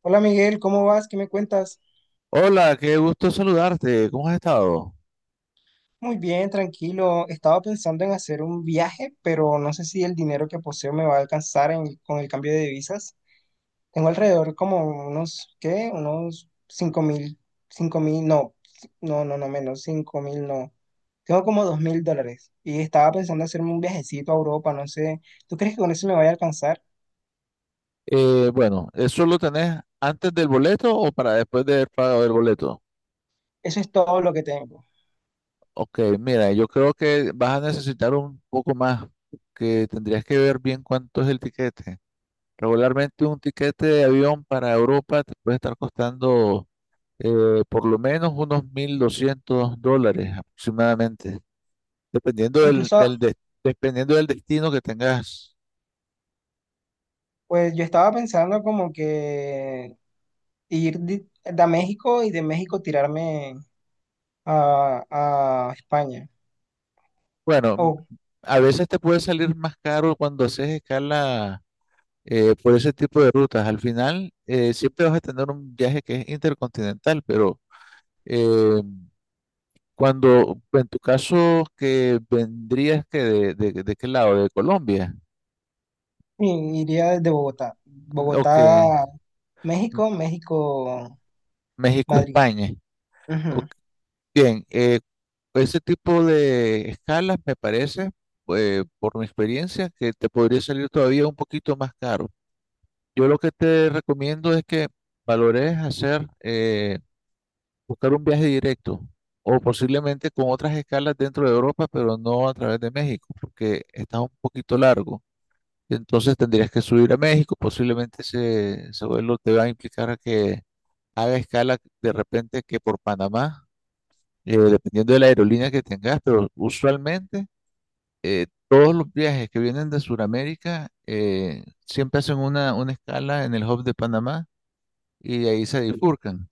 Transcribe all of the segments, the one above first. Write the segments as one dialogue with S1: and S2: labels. S1: Hola Miguel, ¿cómo vas? ¿Qué me cuentas?
S2: Hola, qué gusto saludarte. ¿Cómo has estado?
S1: Muy bien, tranquilo. Estaba pensando en hacer un viaje, pero no sé si el dinero que poseo me va a alcanzar con el cambio de divisas. Tengo alrededor como unos, ¿qué? Unos 5.000, 5.000, no, no, no, no menos, 5.000, no. Tengo como $2.000 y estaba pensando hacerme un viajecito a Europa, no sé. ¿Tú crees que con eso me vaya a alcanzar?
S2: Bueno, ¿eso lo tenés antes del boleto o para después del pago del boleto?
S1: Eso es todo lo que tengo.
S2: Ok, mira, yo creo que vas a necesitar un poco más, que tendrías que ver bien cuánto es el tiquete. Regularmente un tiquete de avión para Europa te puede estar costando por lo menos unos $1.200 aproximadamente, dependiendo del,
S1: Incluso,
S2: del des- dependiendo del destino que tengas.
S1: pues yo estaba pensando como que ir de México y de México tirarme a, a España.
S2: Bueno,
S1: O
S2: a veces te puede salir más caro cuando haces escala por ese tipo de rutas. Al final, siempre vas a tener un viaje que es intercontinental, pero eh, cuando, en tu caso, que vendrías que de qué lado, de Colombia,
S1: iría desde Bogotá.
S2: o que
S1: Bogotá, México, México,
S2: México,
S1: Madrid.
S2: España. Ok,
S1: Ujú.
S2: bien, ese tipo de escalas me parece, por mi experiencia, que te podría salir todavía un poquito más caro. Yo lo que te recomiendo es que valores hacer, buscar un viaje directo o posiblemente con otras escalas dentro de Europa, pero no a través de México, porque está un poquito largo. Entonces tendrías que subir a México, posiblemente ese vuelo te va a implicar a que haga escala de repente que por Panamá, dependiendo de la aerolínea que tengas, pero usualmente todos los viajes que vienen de Sudamérica siempre hacen una escala en el hub de Panamá y de ahí se bifurcan.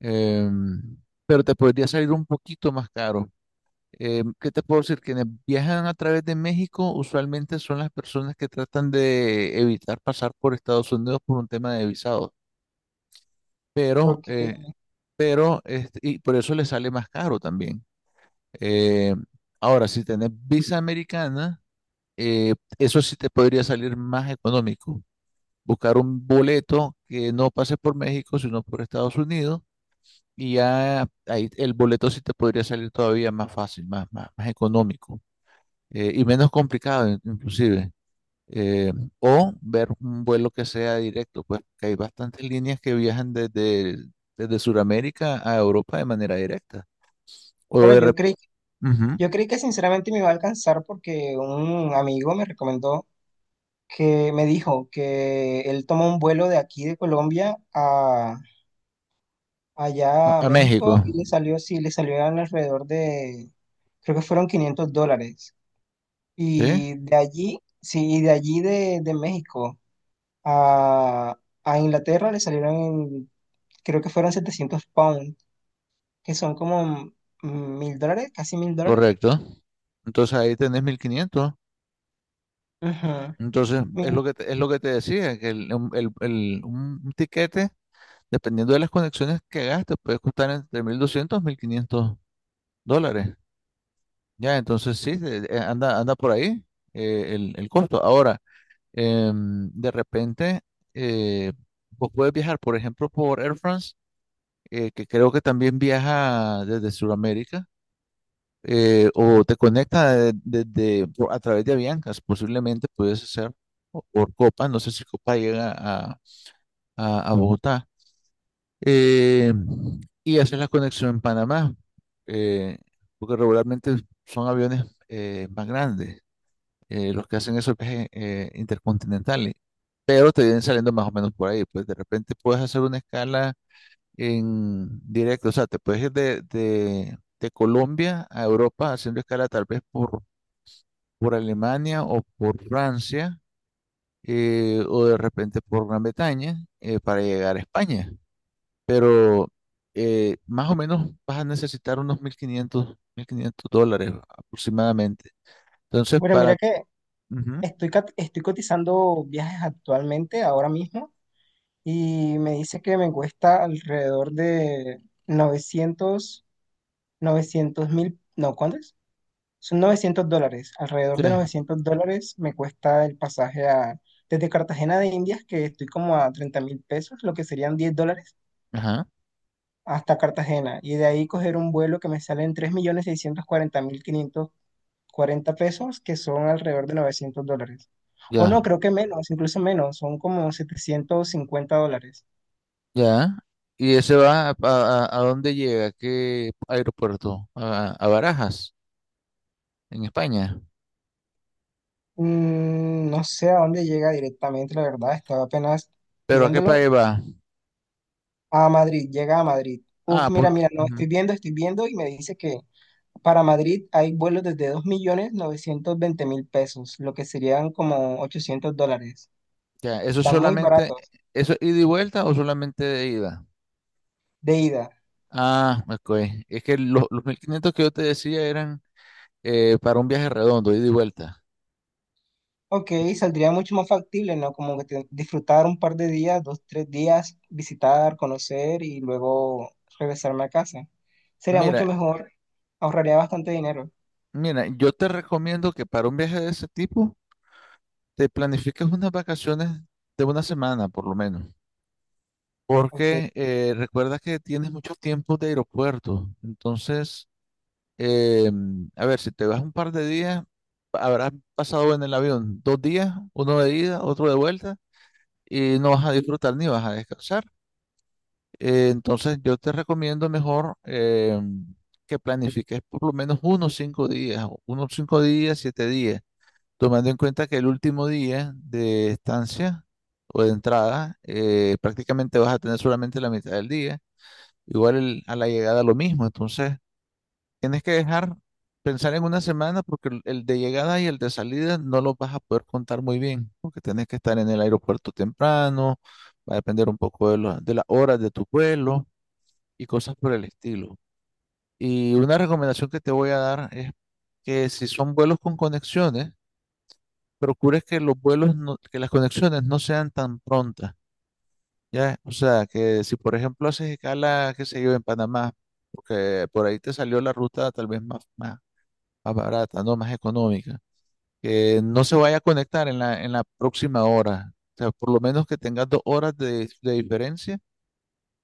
S2: Em, pero te podría salir un poquito más caro. ¿Qué te puedo decir? Quienes viajan a través de México usualmente son las personas que tratan de evitar pasar por Estados Unidos por un tema de visado, pero,
S1: Ok.
S2: eh, pero y por eso les sale más caro también. Eh, ahora, si tenés visa americana, eso sí te podría salir más económico. Buscar un boleto que no pase por México, sino por Estados Unidos. Y ya ahí el boleto sí te podría salir todavía más fácil, más económico y menos complicado inclusive. Eh, o ver un vuelo que sea directo, pues que hay bastantes líneas que viajan desde Sudamérica a Europa de manera directa. O
S1: Claro,
S2: de
S1: yo
S2: rep-
S1: creí,
S2: Ujú,
S1: yo creí que sinceramente me iba a alcanzar porque un amigo me recomendó que me dijo que él tomó un vuelo de aquí de Colombia a
S2: a,
S1: allá a
S2: a
S1: México
S2: México,
S1: y le salió, sí, le salió alrededor de, creo que fueron $500.
S2: ¿sí?
S1: Y de allí, sí, y de allí de México a, a Inglaterra le salieron, creo que fueron 700 pounds, que son como $1.000, casi $1.000.
S2: Correcto. Entonces ahí tenés 1.500.
S1: Ujú.
S2: Entonces es
S1: Mi-
S2: lo que te, es lo que te decía, que el- un tiquete. Dependiendo de las conexiones que gastes, puede costar entre 1.200 y 1.500 dólares. Ya, entonces sí, anda por ahí el costo. Ahora, de repente, eh, vos puedes viajar, por ejemplo, por Air France, que creo que también viaja desde Sudamérica, o te conecta a través de Aviancas, posiblemente puedes hacer, o por Copa, no sé si Copa llega a, Bogotá. eh, y haces la conexión en Panamá, eh, porque regularmente son aviones más grandes, los que hacen esos viajes intercontinentales, pero te vienen saliendo más o menos por ahí, pues de repente puedes hacer una escala en directo, o sea, te puedes ir de, de Colombia a Europa haciendo escala tal vez por Alemania o por Francia, o de repente por Gran Bretaña, para llegar a España. Pero, más o menos vas a necesitar unos mil quinientos dólares aproximadamente. Entonces,
S1: Bueno,
S2: para.
S1: mira que
S2: Ujú,
S1: estoy cotizando viajes actualmente, ahora mismo, y me dice que me cuesta alrededor de 900 900 mil, no, ¿cuánto? Son $900, alrededor
S2: sí,
S1: de $900 me cuesta el pasaje desde Cartagena de Indias, que estoy como a 30 mil pesos, lo que serían $10,
S2: ajá,
S1: hasta Cartagena. Y de ahí coger un vuelo que me sale en 3.640.540 pesos, que son alrededor de $900. O no,
S2: ya,
S1: creo que menos, incluso menos, son como $750.
S2: ya. ¿Y ese va a dónde llega? ¿A qué aeropuerto? A Barajas, en España.
S1: No sé a dónde llega directamente, la verdad, estaba apenas
S2: ¿Pero a qué
S1: viéndolo.
S2: país va?
S1: A Madrid, llega a Madrid. Uf,
S2: Ah, pues.
S1: mira, mira, no,
S2: Ujú,
S1: estoy viendo y me dice que para Madrid hay vuelos desde 2.920.000 pesos, lo que serían como $800.
S2: ya, eso
S1: Están muy
S2: solamente.
S1: baratos
S2: ¿Eso es ida y vuelta o solamente de ida?
S1: de ida.
S2: Ah, ok. Es que los 1.500 que yo te decía eran para un viaje redondo, ida y vuelta.
S1: Ok, saldría mucho más factible, ¿no? Como que disfrutar un par de días, dos, tres días, visitar, conocer y luego regresarme a casa. Sería
S2: Mira,
S1: mucho mejor, ahorraría bastante dinero.
S2: Mira, yo te recomiendo que para un viaje de ese tipo te planifiques unas vacaciones de una semana por lo menos,
S1: Ok,
S2: porque recuerda que tienes mucho tiempo de aeropuerto. Entonces, eh, a ver, si te vas un par de días, habrás pasado en el avión 2 días, uno de ida, otro de vuelta, y no vas a disfrutar ni vas a descansar. Entonces, yo te recomiendo mejor que planifiques por lo menos unos cinco días, 7 días tomando en cuenta que el último día de estancia o de entrada, prácticamente vas a tener solamente la mitad del día, igual a la llegada lo mismo, entonces tienes que dejar pensar en una semana porque el de llegada y el de salida no los vas a poder contar muy bien, porque tienes que estar en el aeropuerto temprano, va a depender un poco de las horas de tu vuelo y cosas por el estilo. Y una recomendación que te voy a dar es que si son vuelos con conexiones, procures que los vuelos, no- que las conexiones no sean tan prontas, ¿ya? O sea, que si por ejemplo haces escala, qué sé yo, en Panamá, porque por ahí te salió la ruta tal vez más barata, ¿no? Más económica, que no se vaya a conectar en la próxima hora, o sea, por lo menos que tengas 2 horas de diferencia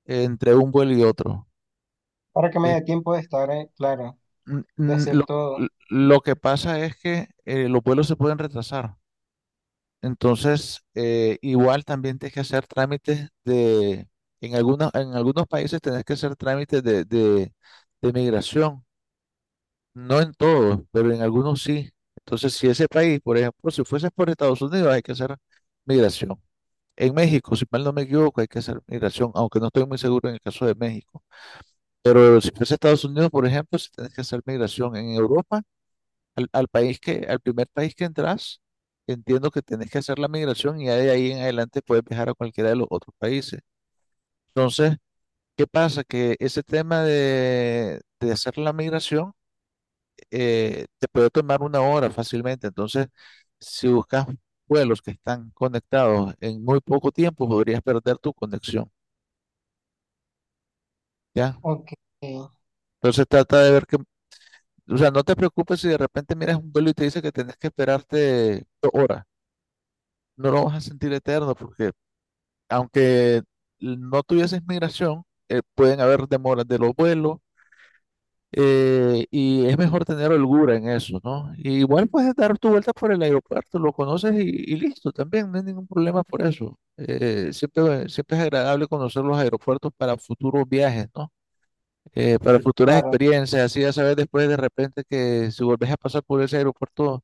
S2: entre un vuelo y otro.
S1: para que me
S2: Es-
S1: dé tiempo de estar, claro,
S2: mm,
S1: de
S2: mm,
S1: hacer
S2: lo,
S1: todo.
S2: lo que pasa es que los vuelos se pueden retrasar. Entonces, igual también tienes que hacer trámites de, en algunos países tenés que hacer trámites de migración. No en todos, pero en algunos sí. Entonces, si ese país, por ejemplo, si fueses por Estados Unidos, hay que hacer migración. En México, si mal no me equivoco, hay que hacer migración, aunque no estoy muy seguro en el caso de México. Pero si fuese Estados Unidos, por ejemplo, si tienes que hacer migración en Europa al país que, al primer país que entras, entiendo que tenés que hacer la migración y ya de ahí en adelante puedes viajar a cualquiera de los otros países. Entonces, ¿qué pasa? Que ese tema de hacer la migración te puede tomar una hora fácilmente. Entonces, si buscas vuelos que están conectados en muy poco tiempo, podrías perder tu conexión, ¿ya?
S1: Ok,
S2: Entonces, trata de ver que, o sea, no te preocupes si de repente miras un vuelo y te dice que tenés que esperarte 2 horas. No lo vas a sentir eterno porque aunque no tuvieses migración, pueden haber demoras de los vuelos y es mejor tener holgura en eso, ¿no? Y igual puedes dar tu vuelta por el aeropuerto, lo conoces y listo, también no hay ningún problema por eso. Siempre, siempre es agradable conocer los aeropuertos para futuros viajes, ¿no? Para futuras
S1: claro.
S2: experiencias, así ya sabes después de repente que si volvés a pasar por ese aeropuerto,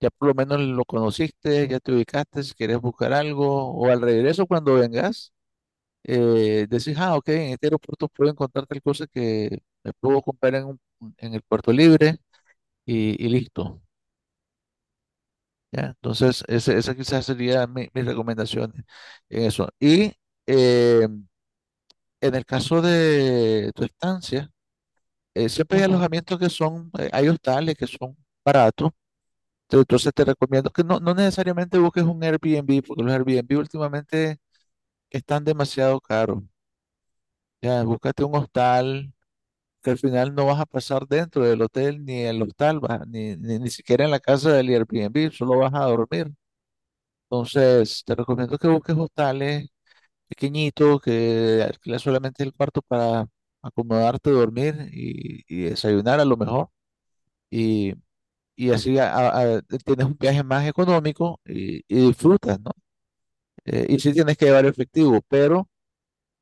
S2: ya por lo menos lo conociste, ya te ubicaste, si quieres buscar algo, o al regreso cuando vengas decís, ah, ok, en este aeropuerto puedo encontrar tal cosa que me puedo comprar en el puerto libre y listo. ¿Ya? Entonces, esa quizás sería mis recomendaciones en eso. Y eh, en el caso de tu estancia, siempre hay
S1: Ujú.
S2: alojamientos que son, hay hostales que son baratos. Entonces te recomiendo que no, no necesariamente busques un Airbnb, porque los Airbnb últimamente están demasiado caros. Ya, búscate un hostal que al final no vas a pasar dentro del hotel, ni en el hostal, ni, ni, ni siquiera en la casa del Airbnb, solo vas a dormir. Entonces, te recomiendo que busques hostales pequeñitos, que alquiles solamente el cuarto para acomodarte, dormir y desayunar a lo mejor. Y, y así tienes un viaje más económico y disfrutas, ¿no? Y sí tienes que llevar efectivo, pero.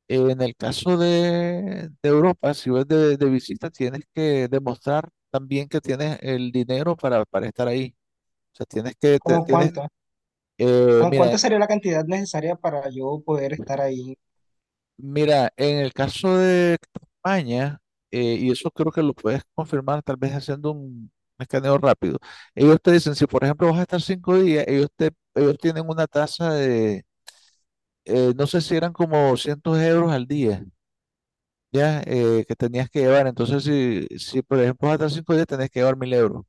S2: En el caso de Europa, si vas de visita, tienes que demostrar también que tienes el dinero para estar ahí. O sea, tienes que,
S1: ¿Cómo
S2: tienes,
S1: cuánto?
S2: eh,
S1: ¿Cómo
S2: mira,
S1: cuánto sería la cantidad necesaria para yo poder estar ahí?
S2: mira, en el caso de España, y eso creo que lo puedes confirmar tal vez haciendo un escaneo rápido. Ellos te dicen, si por ejemplo vas a estar 5 días, ellos tienen una tasa de, no sé si eran como 200 € al día. Ya, que tenías que llevar. Entonces, si por ejemplo hasta 5 días, tenés que llevar mil euros,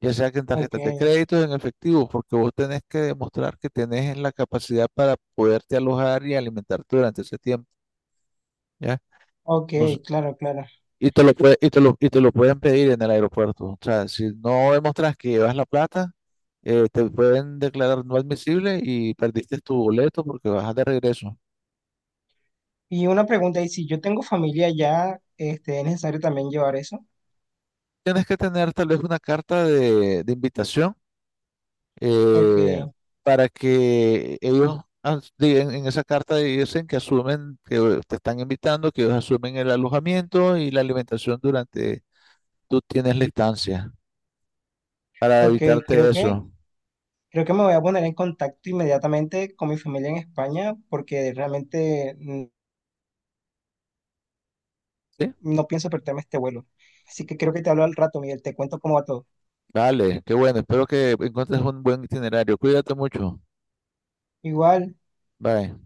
S2: ya sea que en
S1: Ok,
S2: tarjetas de crédito o en efectivo, porque vos tenés que demostrar que tenés la capacidad para poderte alojar y alimentarte durante ese tiempo, ¿ya?
S1: ok,
S2: Entonces,
S1: claro, claro.
S2: y te lo pueden pedir en el aeropuerto. O sea, si no demostrás que llevas la plata, te pueden declarar no admisible y perdiste tu boleto porque bajas de regreso.
S1: Y una pregunta, ¿y si yo tengo familia ya, este, es necesario también llevar eso?
S2: Tienes que tener tal vez una carta de invitación
S1: Ok,
S2: eh, para que ellos en esa carta dicen que asumen que te están invitando, que ellos asumen el alojamiento y la alimentación durante tú tienes la estancia, para
S1: ok,
S2: evitarte
S1: creo que,
S2: eso.
S1: creo que me voy a poner en contacto inmediatamente con mi familia en España porque realmente
S2: ¿Sí?
S1: no pienso perderme este vuelo. Así que creo que te hablo al rato, Miguel, te cuento cómo va todo.
S2: Vale, qué bueno. Espero que encuentres un buen itinerario. Cuídate mucho.
S1: Igual.
S2: Bye.